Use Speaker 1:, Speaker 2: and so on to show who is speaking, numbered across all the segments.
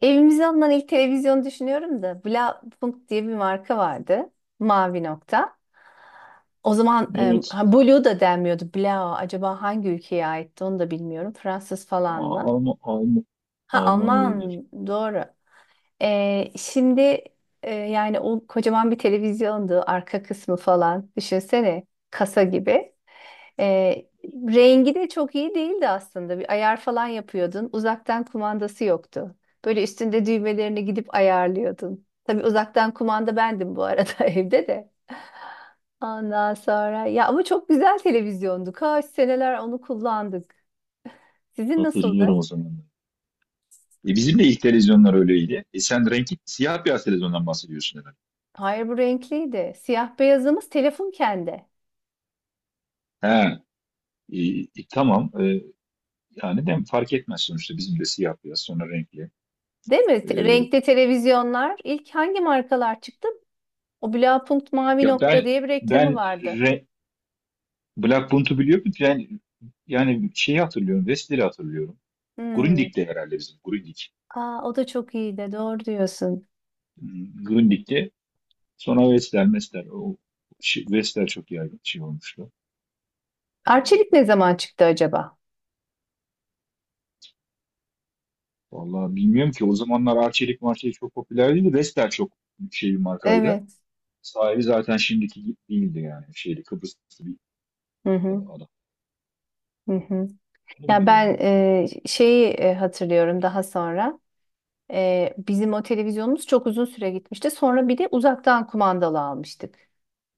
Speaker 1: Evimize alınan ilk televizyonu düşünüyorum da Blaupunkt diye bir marka vardı. Mavi nokta. O zaman
Speaker 2: Evet.
Speaker 1: Blue da denmiyordu. Blau acaba hangi ülkeye aitti onu da bilmiyorum. Fransız falan
Speaker 2: A-
Speaker 1: mı?
Speaker 2: Alman, Alman,
Speaker 1: Ha
Speaker 2: Alman
Speaker 1: Alman
Speaker 2: olabilir.
Speaker 1: doğru. Şimdi yani o kocaman bir televizyondu. Arka kısmı falan düşünsene kasa gibi. Rengi de çok iyi değildi aslında. Bir ayar falan yapıyordun. Uzaktan kumandası yoktu. Böyle üstünde düğmelerini gidip ayarlıyordun. Tabii uzaktan kumanda bendim bu arada evde de. Ondan sonra ya ama çok güzel televizyondu. Kaç seneler onu kullandık. Sizin nasıldı?
Speaker 2: Hatırlıyorum o zamanları. Bizim de ilk televizyonlar öyleydi. Sen renkli siyah beyaz televizyondan bahsediyorsun herhalde.
Speaker 1: Hayır bu renkliydi. Siyah beyazımız telefon kendi.
Speaker 2: He, e, tamam. Yani de fark etmez sonuçta bizim de siyah beyaz sonra renkli.
Speaker 1: Değil mi?
Speaker 2: E,
Speaker 1: Renkli televizyonlar ilk hangi markalar çıktı? O Blaupunkt Mavi
Speaker 2: Ya
Speaker 1: Nokta
Speaker 2: ben,
Speaker 1: diye bir reklamı
Speaker 2: ben
Speaker 1: vardı.
Speaker 2: re, Black Bunt'u biliyorum. Ben yani şeyi hatırlıyorum. Wester'i hatırlıyorum.
Speaker 1: Hmm.
Speaker 2: Grundig'de herhalde bizim. Grundig.
Speaker 1: Aa, o da çok iyi de doğru diyorsun.
Speaker 2: Grundig'de. Sonra Wester, Wester. Wester çok yaygın şey olmuştu.
Speaker 1: Arçelik ne zaman çıktı acaba?
Speaker 2: Vallahi bilmiyorum ki o zamanlar Arçelik marçelik çok popüler değildi. Vestel çok şey bir markaydı.
Speaker 1: Evet.
Speaker 2: Sahibi zaten şimdiki gibi değildi yani. Şeyli Kıbrıslı bir
Speaker 1: Hı hı,
Speaker 2: adam.
Speaker 1: hı hı.
Speaker 2: Onu
Speaker 1: Ya
Speaker 2: biliyorum.
Speaker 1: ben şeyi hatırlıyorum daha sonra. Bizim o televizyonumuz çok uzun süre gitmişti. Sonra bir de uzaktan kumandalı almıştık.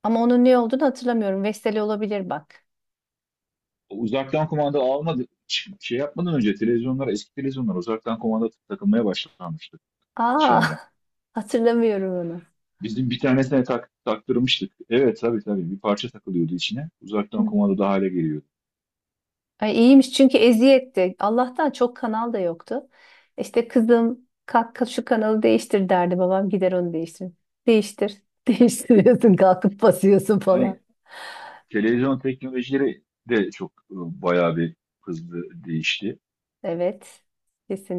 Speaker 1: Ama onun ne olduğunu hatırlamıyorum. Vestel olabilir bak.
Speaker 2: O uzaktan kumanda almadı. Şey yapmadan önce televizyonlar, eski televizyonlar, uzaktan kumanda takılmaya başlanmıştı
Speaker 1: Aa,
Speaker 2: dışarıdan.
Speaker 1: hatırlamıyorum
Speaker 2: Bizim bir tanesine taktırmıştık. Evet, tabii tabii, bir parça takılıyordu içine. Uzaktan
Speaker 1: onu.
Speaker 2: kumanda da hale geliyordu.
Speaker 1: Ay iyiymiş çünkü eziyetti. Allah'tan çok kanal da yoktu. İşte kızım kalk kalk şu kanalı değiştir derdi babam gider onu değiştirir. Değiştir. Değiştiriyorsun kalkıp basıyorsun falan.
Speaker 2: Yani televizyon teknolojileri de çok, bayağı bir hızlı değişti.
Speaker 1: Evet.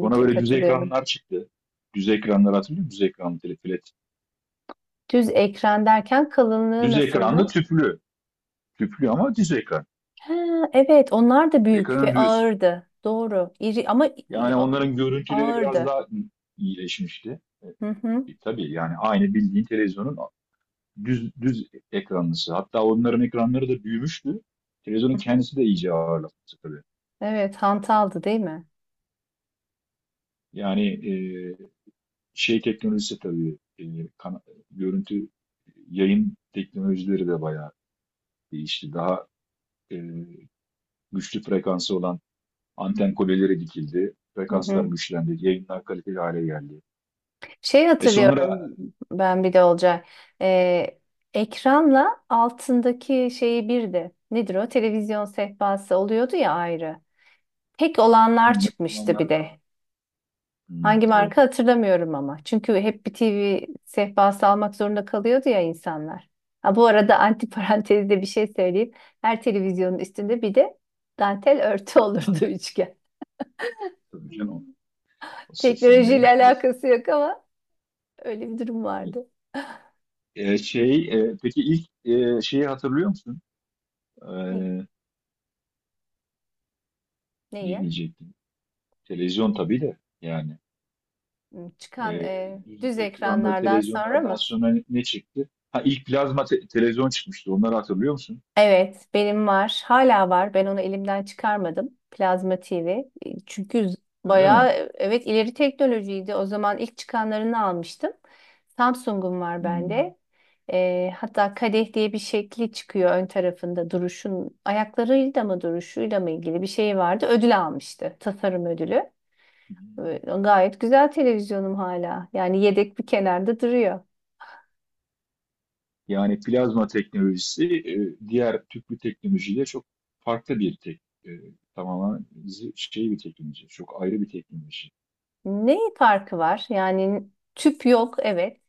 Speaker 2: Sonra böyle düz
Speaker 1: katılıyorum.
Speaker 2: ekranlar çıktı. Düz ekranlar hatırlıyor musun? Düz ekranlı telefon. Evet.
Speaker 1: Düz ekran derken kalınlığı
Speaker 2: Düz ekranlı
Speaker 1: nasıldı?
Speaker 2: tüplü. Tüplü ama düz ekran.
Speaker 1: Ha, evet onlar da büyük ve
Speaker 2: Ekranın düz.
Speaker 1: ağırdı. Doğru. İri ama
Speaker 2: Yani onların görüntüleri biraz
Speaker 1: ağırdı.
Speaker 2: daha iyileşmişti.
Speaker 1: Hı hı.
Speaker 2: Tabii yani aynı bildiğin televizyonun düz düz ekranlısı. Hatta onların ekranları da büyümüştü. Televizyonun
Speaker 1: Hı hı.
Speaker 2: kendisi de iyice ağırlaşmıştı tabii.
Speaker 1: Evet hantaldı değil mi?
Speaker 2: Yani e, şey teknolojisi tabii, kana- görüntü, yayın teknolojileri de bayağı değişti. Daha e, güçlü frekansı olan anten kuleleri dikildi.
Speaker 1: Hı
Speaker 2: Frekanslar
Speaker 1: hı.
Speaker 2: güçlendi. Yayınlar kaliteli hale geldi.
Speaker 1: Şey
Speaker 2: Sonra.
Speaker 1: hatırlıyorum ben bir de Olcay. Ee, Ekranla altındaki şeyi birdi. Nedir o? Televizyon sehpası oluyordu ya ayrı. Tek olanlar
Speaker 2: Hmm,
Speaker 1: çıkmıştı bir de.
Speaker 2: hmm,
Speaker 1: Hangi marka
Speaker 2: evet.
Speaker 1: hatırlamıyorum ama. Çünkü hep bir TV sehpası almak zorunda kalıyordu ya insanlar. Ha, bu arada antiparantezde bir şey söyleyeyim. Her televizyonun üstünde bir de dantel örtü olurdu
Speaker 2: Dante,
Speaker 1: üçgen.
Speaker 2: tabii canım. O
Speaker 1: Teknolojiyle
Speaker 2: 80'lerin klasik.
Speaker 1: alakası yok ama öyle bir durum vardı.
Speaker 2: Şey, peki ilk şeyi hatırlıyor musun? E,
Speaker 1: Ne?
Speaker 2: Ne
Speaker 1: Neyi?
Speaker 2: diyecektim? Televizyon tabii de yani. E,
Speaker 1: Çıkan
Speaker 2: Düz
Speaker 1: düz
Speaker 2: ekranlı
Speaker 1: ekranlardan sonra
Speaker 2: televizyonlardan
Speaker 1: mı?
Speaker 2: sonra ne çıktı? Ha, ilk plazma televizyon çıkmıştı. Onları hatırlıyor musun?
Speaker 1: Evet, benim var. Hala var. Ben onu elimden çıkarmadım. Plazma TV. Çünkü
Speaker 2: Öyle
Speaker 1: bayağı
Speaker 2: mi?
Speaker 1: evet ileri teknolojiydi. O zaman ilk çıkanlarını almıştım. Samsung'um var bende. Hatta kadeh diye bir şekli çıkıyor ön tarafında duruşun ayaklarıyla mı duruşuyla mı ilgili bir şey vardı. Ödül almıştı. Tasarım ödülü.
Speaker 2: Hmm.
Speaker 1: Gayet güzel televizyonum hala. Yani yedek bir kenarda duruyor.
Speaker 2: Yani plazma teknolojisi, diğer tüplü teknolojiyle çok farklı, bir tek, e, tamamen, şey bir teknoloji. Çok ayrı bir teknoloji.
Speaker 1: Ne farkı var? Yani tüp yok, evet.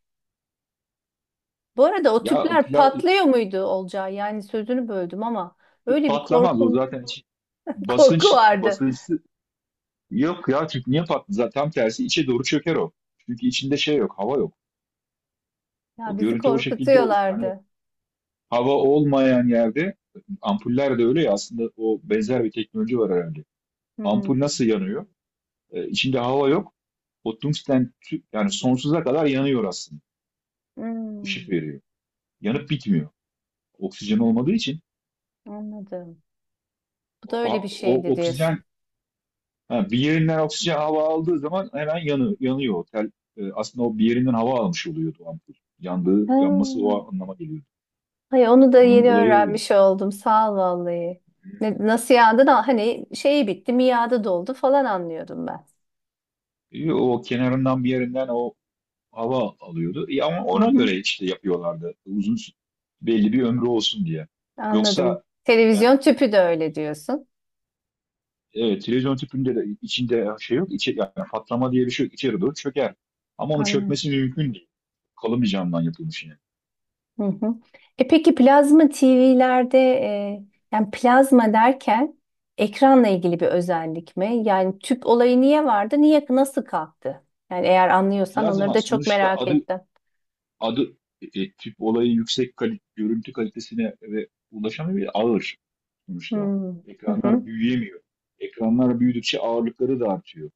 Speaker 1: Bu arada o
Speaker 2: Ya,
Speaker 1: tüpler
Speaker 2: pla-
Speaker 1: patlıyor muydu Olcay? Yani sözünü böldüm ama öyle bir
Speaker 2: patlamaz o
Speaker 1: korkum
Speaker 2: zaten,
Speaker 1: korku vardı.
Speaker 2: basıncı yok ya, çünkü niye patladı? Zaten tam tersi içe doğru çöker o. Çünkü içinde şey yok, hava yok.
Speaker 1: Ya
Speaker 2: O
Speaker 1: bizi
Speaker 2: görüntü o şekilde oluşuyor. Hani
Speaker 1: korkutuyorlardı.
Speaker 2: hava olmayan yerde ampuller de öyle ya, aslında o benzer bir teknoloji var herhalde. Ampul
Speaker 1: Hmm,
Speaker 2: nasıl yanıyor? İçinde hava yok. O tungsten, yani sonsuza kadar yanıyor aslında. Işık
Speaker 1: hmm,
Speaker 2: veriyor. Yanıp bitmiyor. Oksijen olmadığı için
Speaker 1: anladım. Bu da
Speaker 2: o,
Speaker 1: öyle bir
Speaker 2: o
Speaker 1: şeydi
Speaker 2: oksijen,
Speaker 1: diyorsun.
Speaker 2: ha, bir yerinden oksijen, hava aldığı zaman hemen yanıyor. Aslında o bir yerinden hava almış oluyordu o ampul. Yanması
Speaker 1: Ha,
Speaker 2: o anlama geliyordu.
Speaker 1: ay onu da
Speaker 2: Onun
Speaker 1: yeni
Speaker 2: olayı oydu.
Speaker 1: öğrenmiş oldum. Sağ ol vallahi. Nasıl yağdı da hani şeyi bitti, miadı doldu falan anlıyordum ben.
Speaker 2: O kenarından, bir yerinden o hava alıyordu. Ama
Speaker 1: Hı
Speaker 2: ona göre
Speaker 1: hı.
Speaker 2: işte yapıyorlardı, uzun belli bir ömrü olsun diye.
Speaker 1: Anladım.
Speaker 2: Yoksa. e,
Speaker 1: Televizyon tüpü de öyle diyorsun.
Speaker 2: Evet, televizyon tüpünde de içinde şey yok. Yani patlama diye bir şey yok. İçeri doğru çöker. Ama onun
Speaker 1: Anladım.
Speaker 2: çökmesi mümkün değil. Kalın bir camdan yapılmış yine.
Speaker 1: Hı hı. E peki plazma TV'lerde yani plazma derken ekranla ilgili bir özellik mi? Yani tüp olayı niye vardı? Niye nasıl kalktı? Yani eğer anlıyorsan onları
Speaker 2: Plazma
Speaker 1: da çok
Speaker 2: sonuçta
Speaker 1: merak
Speaker 2: adı,
Speaker 1: ettim.
Speaker 2: adı tüp olayı yüksek görüntü kalitesine ve ulaşamıyor ya, ağır sonuçta.
Speaker 1: Hmm. Hı hı.
Speaker 2: Ekranlar büyüyemiyor. Ekranlar büyüdükçe ağırlıkları da artıyor.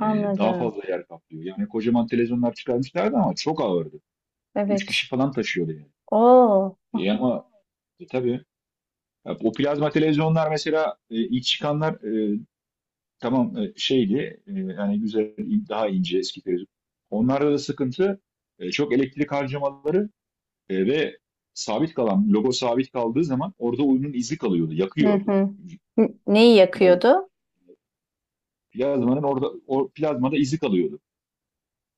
Speaker 2: Daha fazla yer kaplıyor. Yani kocaman televizyonlar çıkarmışlardı ama çok ağırdı. Üç
Speaker 1: Evet.
Speaker 2: kişi falan taşıyordu yani.
Speaker 1: Oo.
Speaker 2: Ama tabii, ya, o plazma televizyonlar mesela, ilk çıkanlar, tamam, şeydi, yani güzel, daha ince eski televizyon. Onlarda da sıkıntı, çok elektrik harcamaları, ve sabit kalan logo, sabit kaldığı zaman orada oyunun izi kalıyordu,
Speaker 1: Hı
Speaker 2: yakıyordu.
Speaker 1: hı. Neyi
Speaker 2: Plaz,
Speaker 1: yakıyordu?
Speaker 2: Plazmanın orada, o plazmada izi kalıyordu.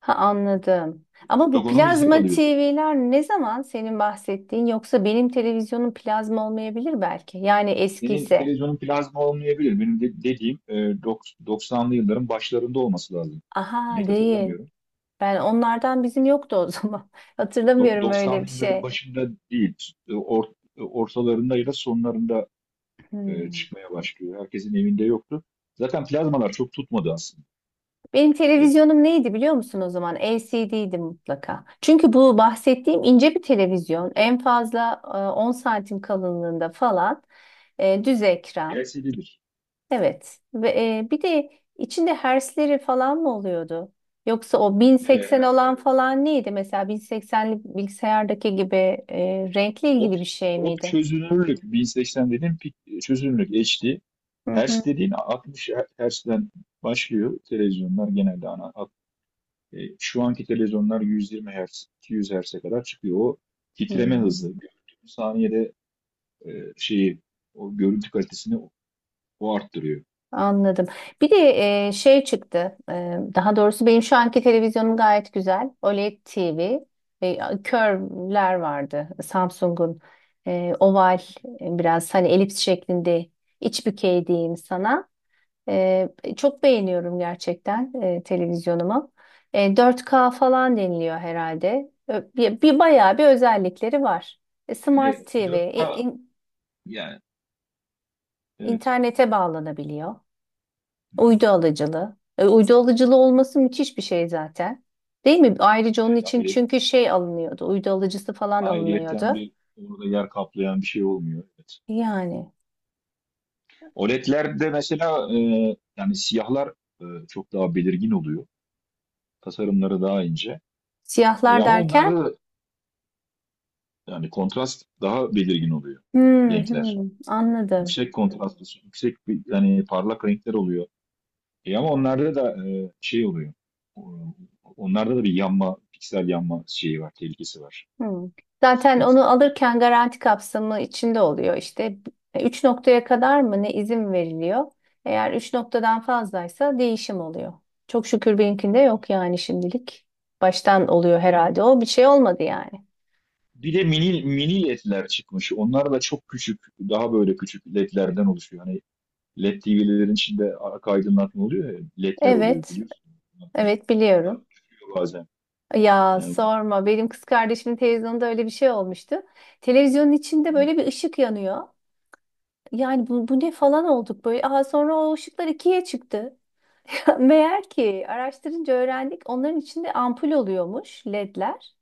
Speaker 1: Ha anladım. Ama bu
Speaker 2: Logonun izi
Speaker 1: plazma
Speaker 2: kalıyordu.
Speaker 1: TV'ler ne zaman senin bahsettiğin yoksa benim televizyonum plazma olmayabilir belki. Yani
Speaker 2: Senin
Speaker 1: eskiyse.
Speaker 2: televizyonun plazma olmayabilir. Benim dediğim, 90'lı yılların başlarında olması lazım.
Speaker 1: Aha
Speaker 2: Net
Speaker 1: değil.
Speaker 2: hatırlamıyorum.
Speaker 1: Ben onlardan bizim yoktu o zaman. Hatırlamıyorum öyle
Speaker 2: 90'lı
Speaker 1: bir
Speaker 2: yılların
Speaker 1: şey.
Speaker 2: başında değil, ortalarında ya da sonlarında,
Speaker 1: Hmm.
Speaker 2: çıkmaya başlıyor. Herkesin evinde yoktu. Zaten plazmalar çok tutmadı aslında.
Speaker 1: Benim
Speaker 2: E,
Speaker 1: televizyonum neydi biliyor musun o zaman? LCD'ydi mutlaka. Çünkü bu bahsettiğim ince bir televizyon.
Speaker 2: Silikon
Speaker 1: En fazla 10 santim kalınlığında falan düz ekran.
Speaker 2: LCD'dir.
Speaker 1: Evet. Ve bir de içinde hertzleri falan mı oluyordu? Yoksa o 1080
Speaker 2: Ee,
Speaker 1: olan
Speaker 2: evet.
Speaker 1: falan neydi? Mesela 1080'li bilgisayardaki gibi renkle
Speaker 2: O,
Speaker 1: ilgili bir şey
Speaker 2: o
Speaker 1: miydi?
Speaker 2: çözünürlük 1080 dediğim, çözünürlük HD.
Speaker 1: Hı
Speaker 2: Hertz
Speaker 1: hı.
Speaker 2: dediğin 60 hertz'den başlıyor televizyonlar, genelde ana. Şu anki televizyonlar 120 Hz, 200 hertz'e kadar çıkıyor. O
Speaker 1: Hı
Speaker 2: titreme
Speaker 1: hı.
Speaker 2: hızı. Saniyede şeyi, o görüntü kalitesini o arttırıyor.
Speaker 1: Anladım. Bir de şey çıktı. Daha doğrusu benim şu anki televizyonum gayet güzel. OLED TV. E, Curve'ler vardı. Samsung'un oval biraz hani elips şeklinde iç bükey diyeyim sana. E, Çok beğeniyorum gerçekten televizyonumu. 4K falan deniliyor herhalde. Bir, bir bayağı bir özellikleri var. Smart
Speaker 2: Yani
Speaker 1: TV.
Speaker 2: dört k yani evet.
Speaker 1: İnternete bağlanabiliyor.
Speaker 2: Hı hı.
Speaker 1: Uydu alıcılı, uydu alıcılı olması müthiş bir şey zaten. Değil mi? Ayrıca onun
Speaker 2: Evet,
Speaker 1: için çünkü şey alınıyordu. Uydu alıcısı falan
Speaker 2: ayrıyetten
Speaker 1: alınıyordu.
Speaker 2: bir, orada yer kaplayan bir şey olmuyor. Evet.
Speaker 1: Yani
Speaker 2: OLED'lerde mesela, yani siyahlar çok daha belirgin oluyor. Tasarımları daha ince.
Speaker 1: siyahlar
Speaker 2: Ama
Speaker 1: derken
Speaker 2: onlarda yani kontrast daha belirgin oluyor,
Speaker 1: hmm,
Speaker 2: renkler.
Speaker 1: hmm, anladım.
Speaker 2: Yüksek kontrastlı, yüksek bir, yani parlak renkler oluyor. Ama onlarda da şey oluyor. O- Onlarda da bir yanma, piksel yanma şeyi var, tehlikesi var.
Speaker 1: Hmm. Zaten
Speaker 2: Sıkıntısı.
Speaker 1: onu alırken garanti kapsamı içinde oluyor. İşte 3 noktaya kadar mı ne izin veriliyor? Eğer 3 noktadan fazlaysa değişim oluyor. Çok şükür benimkinde yok yani şimdilik. Baştan oluyor
Speaker 2: Bir
Speaker 1: herhalde.
Speaker 2: de,
Speaker 1: O bir şey olmadı yani.
Speaker 2: bir de mini, mini LED'ler çıkmış. Onlar da çok küçük, daha böyle küçük LED'lerden oluşuyor. Hani LED TV'lerin içinde arka aydınlatma oluyor ya, LED'ler oluyor
Speaker 1: Evet,
Speaker 2: biliyorsun.
Speaker 1: evet
Speaker 2: Bunlar
Speaker 1: biliyorum.
Speaker 2: düşüyor bazen.
Speaker 1: Ya
Speaker 2: Yani,
Speaker 1: sorma. Benim kız kardeşimin televizyonda öyle bir şey olmuştu. Televizyonun içinde
Speaker 2: evet.
Speaker 1: böyle bir ışık yanıyor. Yani bu ne falan olduk böyle. Aa, sonra o ışıklar ikiye çıktı. Meğer ki araştırınca öğrendik onların içinde ampul oluyormuş ledler.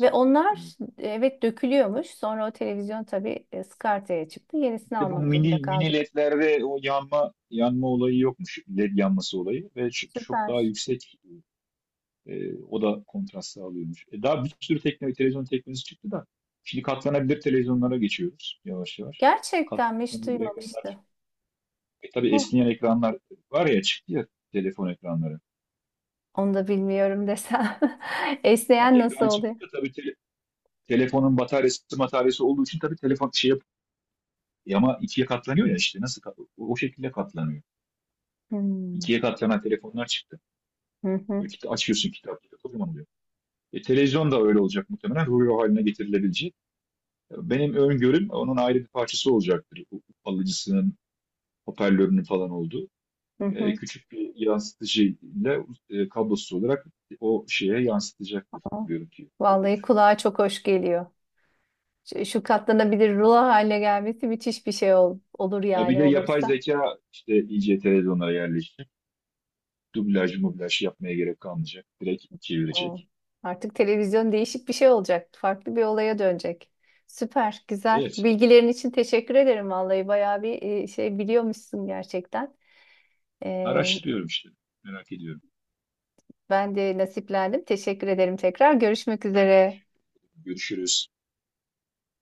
Speaker 1: Ve onlar evet dökülüyormuş. Sonra o televizyon tabii skartaya çıktı. Yenisini
Speaker 2: İşte bu
Speaker 1: almak durumunda
Speaker 2: mini, mini
Speaker 1: kaldık.
Speaker 2: LED'lerde o yanma, yanma olayı yokmuş. LED yanması olayı ve çok çok daha
Speaker 1: Süper.
Speaker 2: yüksek, o da kontrast sağlıyormuş. Daha bir sürü teknoloji, televizyon teknolojisi çıktı da şimdi katlanabilir televizyonlara geçiyoruz yavaş yavaş.
Speaker 1: Gerçekten mi? Hiç
Speaker 2: Katlanabilir ekranlar.
Speaker 1: duymamıştı.
Speaker 2: Tabii
Speaker 1: Oh,
Speaker 2: esneyen ekranlar var ya, çıktı ya, telefon ekranları.
Speaker 1: onu da bilmiyorum desem.
Speaker 2: Ya,
Speaker 1: Esneyen nasıl
Speaker 2: ekran
Speaker 1: oluyor?
Speaker 2: çıktı da tabii, telefonun bataryası olduğu için tabii telefon şey yap, ama ikiye katlanıyor ya işte, o şekilde katlanıyor.
Speaker 1: Hmm.
Speaker 2: İkiye katlanan telefonlar çıktı. Böyle açıyorsun, kitapları kocaman oluyor. Televizyon da öyle olacak muhtemelen. Rulo haline getirilebileceği. Benim öngörüm, onun ayrı bir parçası olacaktır. Alıcısının, hoparlörünün falan olduğu.
Speaker 1: Hı hı.
Speaker 2: Küçük bir yansıtıcıyla kablosuz olarak o şeye yansıtacaktır
Speaker 1: Oh.
Speaker 2: görüntüyü. Öyle
Speaker 1: Vallahi
Speaker 2: düşünüyorum.
Speaker 1: kulağa çok hoş geliyor. Şu katlanabilir rulo haline gelmesi müthiş bir şey olur
Speaker 2: Ya bir
Speaker 1: yani
Speaker 2: de yapay
Speaker 1: olursa.
Speaker 2: zeka işte iyice televizyonlara yerleşti. Dublaj, mublaj yapmaya gerek kalmayacak. Direkt
Speaker 1: Oh.
Speaker 2: çevirecek.
Speaker 1: Artık televizyon değişik bir şey olacak. Farklı bir olaya dönecek. Süper, güzel.
Speaker 2: Evet.
Speaker 1: Bilgilerin için teşekkür ederim vallahi. Bayağı bir şey biliyormuşsun gerçekten. Ee,
Speaker 2: Araştırıyorum işte. Merak ediyorum.
Speaker 1: Ben de nasiplendim. Teşekkür ederim tekrar. Görüşmek
Speaker 2: Ben de
Speaker 1: üzere.
Speaker 2: görüşürüz.